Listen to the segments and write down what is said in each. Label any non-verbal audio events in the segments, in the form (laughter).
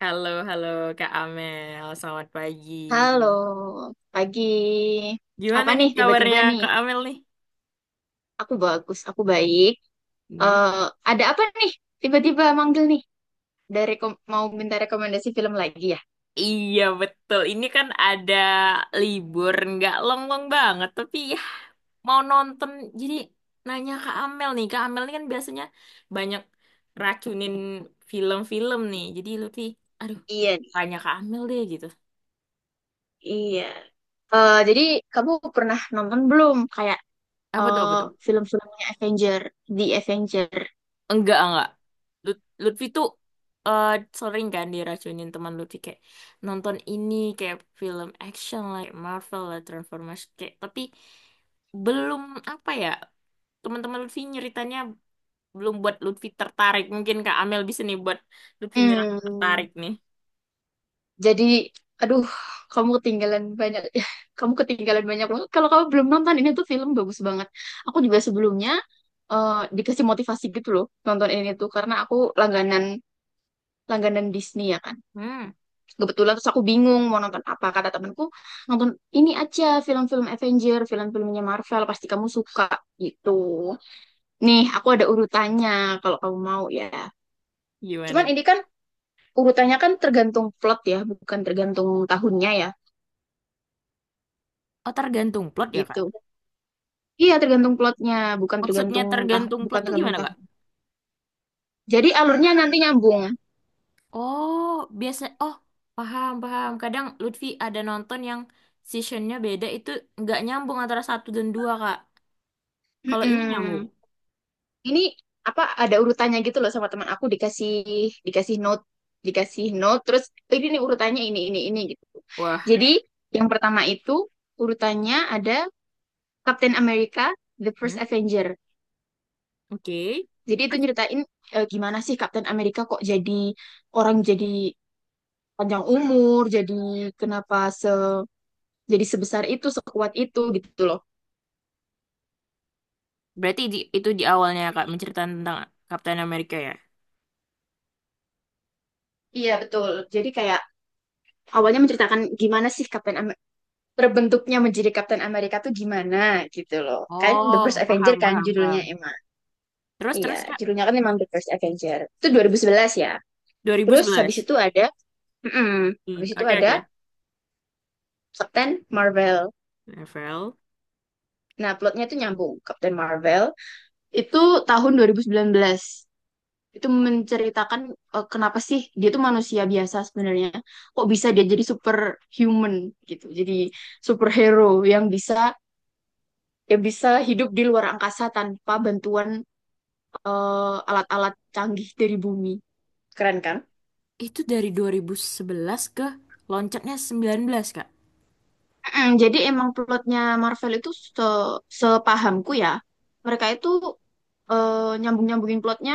Halo, halo Kak Amel. Selamat pagi. Halo, pagi. Gimana Apa nih nih tiba-tiba kabarnya nih? Kak Amel nih? Aku bagus, aku baik. Hmm. Eh, ada apa nih? Tiba-tiba manggil nih. Dari mau minta rekomendasi film lagi ya? Iya, betul. Ini kan ada libur, nggak long-long banget. Tapi ya, mau nonton. Jadi nanya Kak Amel nih. Kak Amel ini kan biasanya banyak racunin film-film nih. Jadi Lutfi, aduh, Iya nih, tanya Kak Amel deh gitu. iya. Jadi kamu pernah nonton belum kayak Apa tuh, eh, apa tuh? film-filmnya Avenger, The Avenger? Enggak, enggak. Lutfi tuh eh, sering kan diracunin teman Lutfi kayak nonton ini kayak film action like Marvel lah Transformers kayak tapi belum apa ya teman-teman Lutfi nyeritanya belum buat Lutfi tertarik, mungkin Kak Amel bisa nih buat Lutfi ngerasa Hmm. tertarik nih. Jadi, aduh, kamu ketinggalan banyak. (laughs) Ya, kamu ketinggalan banyak banget. Kalau kamu belum nonton, ini tuh film bagus banget. Aku juga sebelumnya eh, dikasih motivasi gitu loh nonton ini tuh karena aku langganan langganan Disney ya kan. hmm Kebetulan terus aku bingung mau nonton apa. Kata temanku, nonton ini aja film-film Avenger, film-filmnya Marvel, pasti kamu suka gitu. Nih, aku ada urutannya kalau kamu mau ya. Cuman Gimana? ini kan urutannya kan tergantung plot ya, bukan tergantung tahunnya ya. Oh, tergantung plot ya, Kak? Gitu. Iya, tergantung plotnya, bukan Maksudnya tergantung tergantung bukan plot tuh tergantung gimana, tahu. Kak? Jadi alurnya nanti nyambung. Oh, biasa. Oh, paham, paham. Kadang Lutfi ada nonton yang seasonnya beda itu nggak nyambung antara satu dan dua, Kak. Kalau ini nyambung. Mm-mm. Ini apa ada urutannya gitu loh, sama teman aku dikasih dikasih note, dikasih note terus, oh, ini nih urutannya ini gitu. Wah, Jadi yang pertama itu urutannya ada Captain America The First hmm, Avenger. oke. Jadi itu Terus? nyeritain gimana sih Captain America kok jadi orang jadi panjang umur, jadi kenapa se jadi sebesar itu, sekuat itu gitu loh. Berarti di, itu di awalnya, Kak, menceritakan tentang Kapten Amerika ya? Iya betul. Jadi kayak awalnya menceritakan gimana sih terbentuknya menjadi Captain Amerika tuh gimana gitu loh. Kan The First Oh, Avenger paham, kan paham, judulnya paham. emang. Terus, Iya, terus, Kak, judulnya kan emang The First Avenger. Itu 2011 ya. Terus habis 2011. itu mm-mm, Hmm, habis itu oke, oke. ada Captain Marvel. Novel. Nah, plotnya itu nyambung. Captain Marvel itu tahun 2019. Itu menceritakan kenapa sih dia tuh manusia biasa sebenarnya. Kok bisa dia jadi superhuman gitu. Jadi superhero yang bisa yang bisa hidup di luar angkasa tanpa bantuan alat-alat canggih dari bumi. Keren kan? Itu dari 2011 ke loncatnya 19, Kak. Jadi emang plotnya Marvel itu sepahamku ya, mereka itu nyambung-nyambungin plotnya,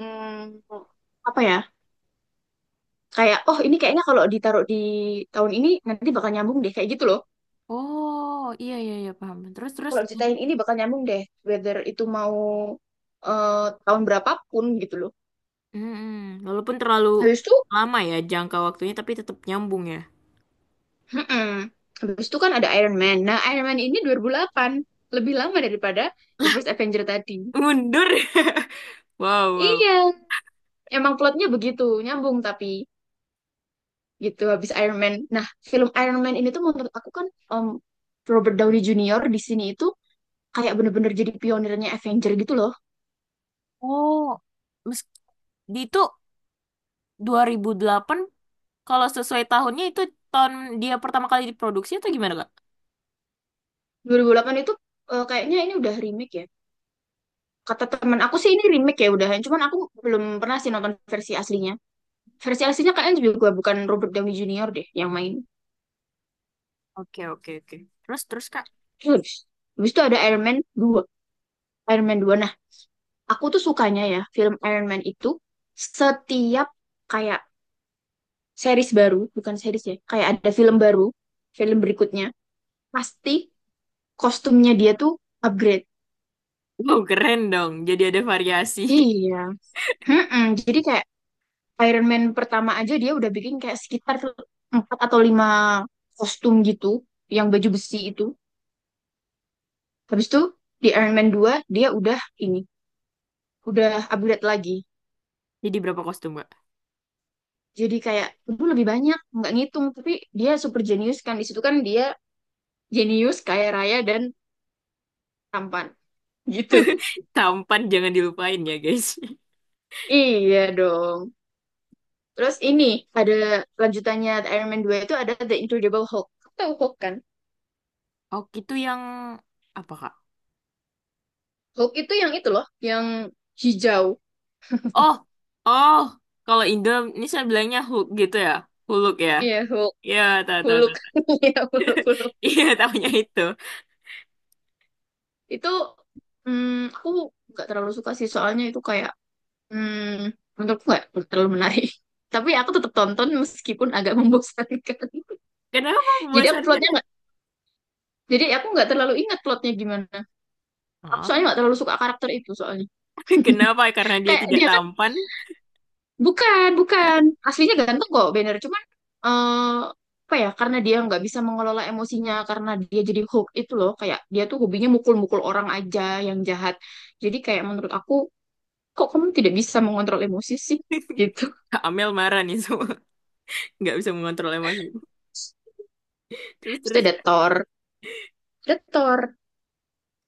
mm, apa ya? Kayak oh ini kayaknya kalau ditaruh di tahun ini nanti bakal nyambung deh kayak gitu loh. Oh, iya, iya, iya, paham. Terus, terus. Kalau ceritain ini bakal nyambung deh, whether itu mau tahun berapapun gitu loh. Mm-mm. Walaupun terlalu Habis itu. lama ya jangka waktunya, tapi tetap nyambung ya. Mm-mm. Habis itu kan ada Iron Man. Nah, Iron Man ini 2008, lebih lama daripada The First Avenger tadi. Mundur. (laughs) Wow, wow. Iya, emang plotnya begitu, nyambung, tapi gitu habis Iron Man. Nah, film Iron Man ini tuh menurut aku kan um, Robert Downey Jr. di sini itu kayak bener-bener jadi pionirnya Avenger gitu loh. Oh, mes- di itu 2008 kalau sesuai tahunnya itu tahun dia pertama kali diproduksi atau gimana, Kak? 2008 itu kayaknya ini udah remake ya. Kata teman aku sih ini remake ya udahan, cuman aku belum pernah sih nonton versi aslinya. Versi aslinya kayaknya juga bukan Robert Downey Jr. deh yang main. Oke, oke, oke. Terus terus, Kak. Terus, habis itu ada Iron Man dua. Nah, aku tuh sukanya ya film Iron Man itu, setiap kayak series baru, bukan series ya, kayak ada film baru, film berikutnya, pasti kostumnya dia tuh upgrade. Wow, keren dong. Jadi ada variasi. Iya. Mm-mm. Jadi kayak Iron Man pertama aja dia udah bikin kayak sekitar 4 atau 5 kostum gitu, yang baju besi itu. Habis itu di Iron Man dua dia udah ini, udah upgrade lagi. (laughs) Jadi berapa kostum, Kak? Jadi kayak dulu lebih banyak nggak ngitung, tapi dia super jenius kan di situ, kan dia jenius, kaya raya, dan tampan gitu. Tampan jangan dilupain ya, guys. (laughs) (laughs) Iya dong. Terus ini ada lanjutannya The Iron Man dua, itu ada The Incredible Hulk. Kamu tahu Hulk kan? Oh, itu yang apa, Kak? Hulk itu yang itu loh, yang hijau. Oh, oh. Kalau Indo ini saya bilangnya Hulk gitu ya. Hulk ya. Iya, Hulk. Iya, tahu tahu Hulk. tahu. (laughs) (laughs) Iya, Hulk. Hulk Iya, tahunya itu. itu, hmm, aku nggak terlalu suka sih, soalnya itu kayak, hmm, menurutku nggak terlalu menarik. (laughs) Tapi aku tetap tonton meskipun agak (laughs) membosankan. Kenapa Jadi aku membosankan? plotnya nggak, jadi aku nggak terlalu ingat plotnya gimana. Aku Ah, soalnya nggak terlalu suka karakter itu soalnya. (laughs) Kenapa? Karena dia Kayak tidak dia kan tampan. bukan aslinya ganteng kok Banner, cuman eh apa ya? Karena dia nggak bisa mengelola emosinya, karena dia jadi hook itu loh. Kayak dia tuh hobinya mukul-mukul orang aja, yang jahat. Jadi kayak menurut aku, kok kamu tidak bisa mengontrol emosi sih? (laughs) (laughs) Gitu. Kak Amel marah nih semua. (laughs) Nggak bisa mengontrol emosi. Terus Terus terus ada Thor, ada Thor.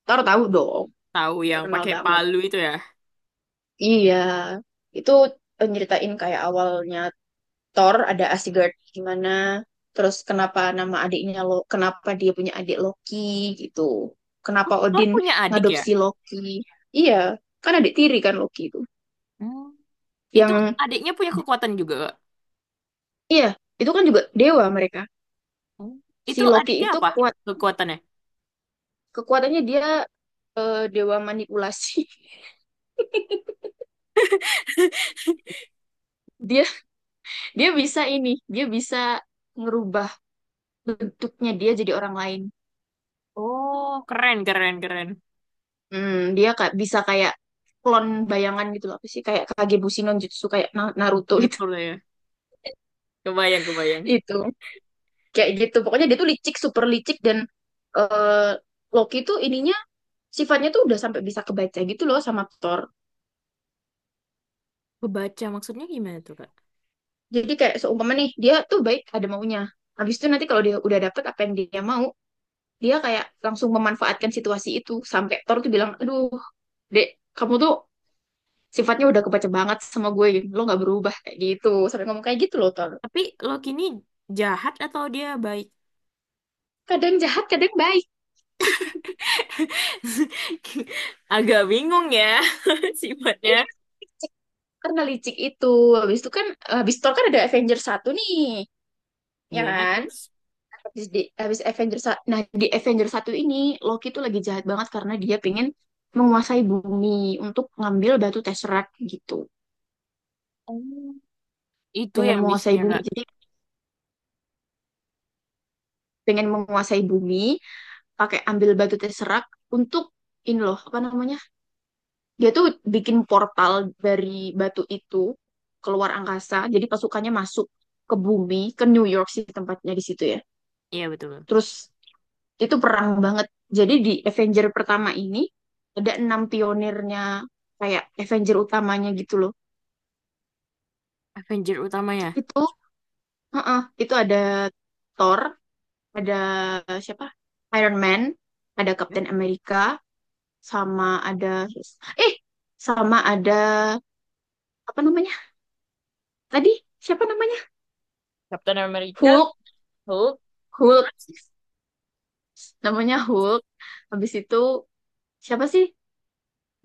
Thor tahu dong, tahu yang terkenal pakai banget. palu itu ya. Iya, itu nyeritain kayak awalnya Thor, ada Asgard gimana, terus kenapa nama adiknya lo, kenapa dia punya adik Loki gitu, kenapa Nur Odin punya adik ya? ngadopsi Loki, iya kan adik tiri kan Loki itu, Hmm. Itu yang adiknya punya kekuatan juga, Kak. iya itu kan juga dewa mereka, Oh, si itu Loki adiknya itu apa? Kekuatannya? kekuatannya dia dewa manipulasi. (laughs) (laughs) dia dia bisa ini, dia bisa ngerubah bentuknya dia jadi orang lain. Oh, keren keren keren. Hmm, dia kayak bisa kayak klon bayangan gitu loh, apa sih kayak Kagebushi no Jutsu kayak Naruto itu Betul ya. Kebayang kebayang. itu kayak gitu pokoknya. Dia tuh licik, super licik, dan eh, Loki tuh ininya sifatnya tuh udah sampai bisa kebaca gitu loh sama Thor. Kebaca maksudnya gimana tuh, Kak? Jadi kayak seumpama nih dia tuh baik ada maunya, habis itu nanti kalau dia udah dapet apa yang dia mau, dia kayak langsung memanfaatkan situasi itu, sampai Thor tuh bilang, aduh dek, kamu tuh sifatnya udah kebaca banget sama gue, lo nggak berubah kayak gitu, sampai ngomong kayak gitu loh Thor. Tapi Loki ini jahat atau dia baik? Kadang jahat kadang baik. (laughs) Agak bingung ya (laughs) Iya, sifatnya. licik. Karena licik itu. Habis itu kan habis Thor kan ada Avengers satu nih ya Iya, kan? terus. Habis di habis Avengers sa- Nah, di Avengers satu ini Loki tuh lagi jahat banget karena dia pengen menguasai bumi untuk ngambil batu Tesseract gitu. Oh. Itu ya Pengen menguasai misinya, bumi. Kak. Jadi pengen menguasai bumi pakai ambil batu Tesseract untuk ini loh, apa namanya? Dia tuh bikin portal dari batu itu keluar angkasa. Jadi pasukannya masuk ke bumi, ke New York sih tempatnya di situ ya. Iya betul. Terus, itu perang banget. Jadi di Avenger pertama ini ada enam pionirnya, kayak Avenger utamanya gitu loh. Avenger utamanya. Itu heeh, itu ada Thor, ada siapa? Iron Man, ada Ya. Captain America, sama ada eh sama ada apa namanya? Tadi siapa namanya? Captain America, Hulk, Hulk, Hulk. Namanya Hulk. Habis itu siapa sih?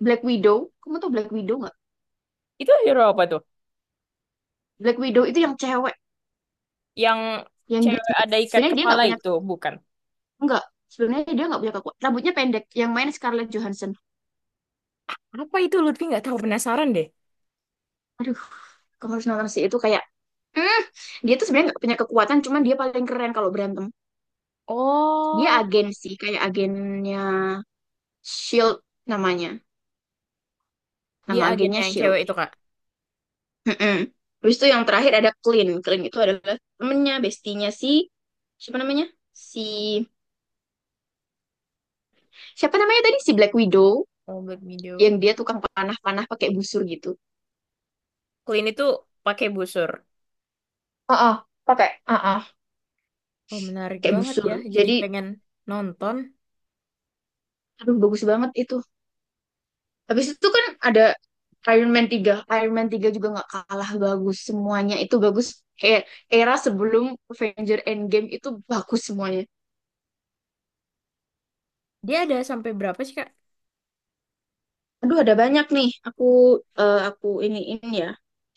Black Widow. Kamu tau Black Widow nggak? itu hero apa tuh? Black Widow itu yang cewek, Yang yang dia cewek ada ikat sebenarnya dia kepala nggak punya. itu, bukan? Enggak, sebenarnya dia nggak punya kekuatan. Rambutnya pendek, yang main Scarlett Johansson. Apa itu Lutfi nggak tahu penasaran deh. Aduh, kamu harus nonton sih, itu kayak, hmm, dia tuh sebenarnya nggak punya kekuatan, cuman dia paling keren kalau berantem. Dia Oh, agen sih, kayak agennya Shield namanya, dia nama agennya agennya yang Shield. cewek itu, Kak. Mm-mm. Terus itu yang terakhir ada Clint. Clint itu adalah temennya, bestinya si siapa namanya? Si siapa namanya tadi si Black Widow, Oh, Black Widow. yang dia tukang panah-panah pakai busur gitu. Clint itu pakai busur. Heeh, pakai. ah ah, Oh, menarik pakai banget busur. ya. Jadi Jadi, pengen nonton. aduh bagus banget itu. Habis itu kan ada Iron Man tiga. Iron Man tiga juga nggak kalah bagus. Semuanya itu bagus. Kayak era sebelum Avenger Endgame itu bagus semuanya. Dia ada sampai berapa sih, Kak? Aduh, ada banyak nih. Aku ini ya.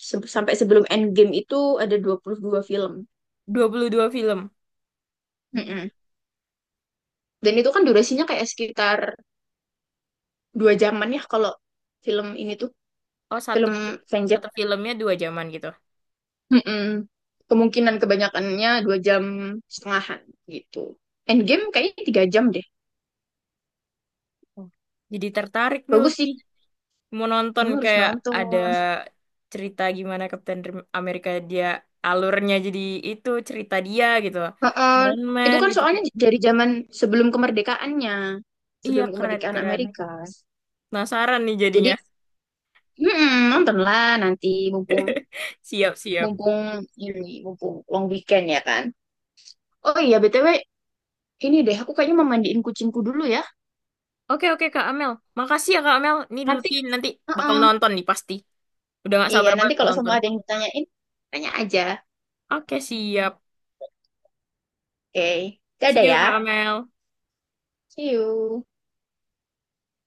Sampai sebelum Endgame itu ada 22 film. 22 film. Hmm. Mm-mm. Dan itu kan durasinya kayak sekitar 2 jaman ya kalau film ini tuh Oh, satu film itu Avenger. satu filmnya dua jaman gitu. Mm-mm. Kemungkinan kebanyakannya 2 jam setengahan gitu. Endgame kayaknya 3 jam deh. Oh. Jadi tertarik nih Bagus sih. lebih mau nonton Kamu harus kayak nonton. ada cerita gimana Kapten Rim- Amerika dia alurnya jadi itu cerita dia gitu. Heeh. Iron Itu Man kan gitu soalnya kayak. dari zaman sebelum kemerdekaannya, Iya sebelum kemerdekaan keren-keren. Amerika. Penasaran nih jadinya. Jadi, nontonlah nanti mumpung (laughs) Siap-siap. mumpung ini mumpung long weekend ya kan. Oh iya BTW, ini deh aku kayaknya mau mandiin kucingku dulu ya. Oke oke Kak Amel. Makasih ya Kak Amel. Ini Nanti, Lutfi nanti bakal heeh. nonton nih pasti. Udah gak Iya, sabar banget nanti mau kalau semua nonton. ada yang ditanyain, tanya aja. Oke siap. Oke. Dadah See you ya. Kak Amel. See you.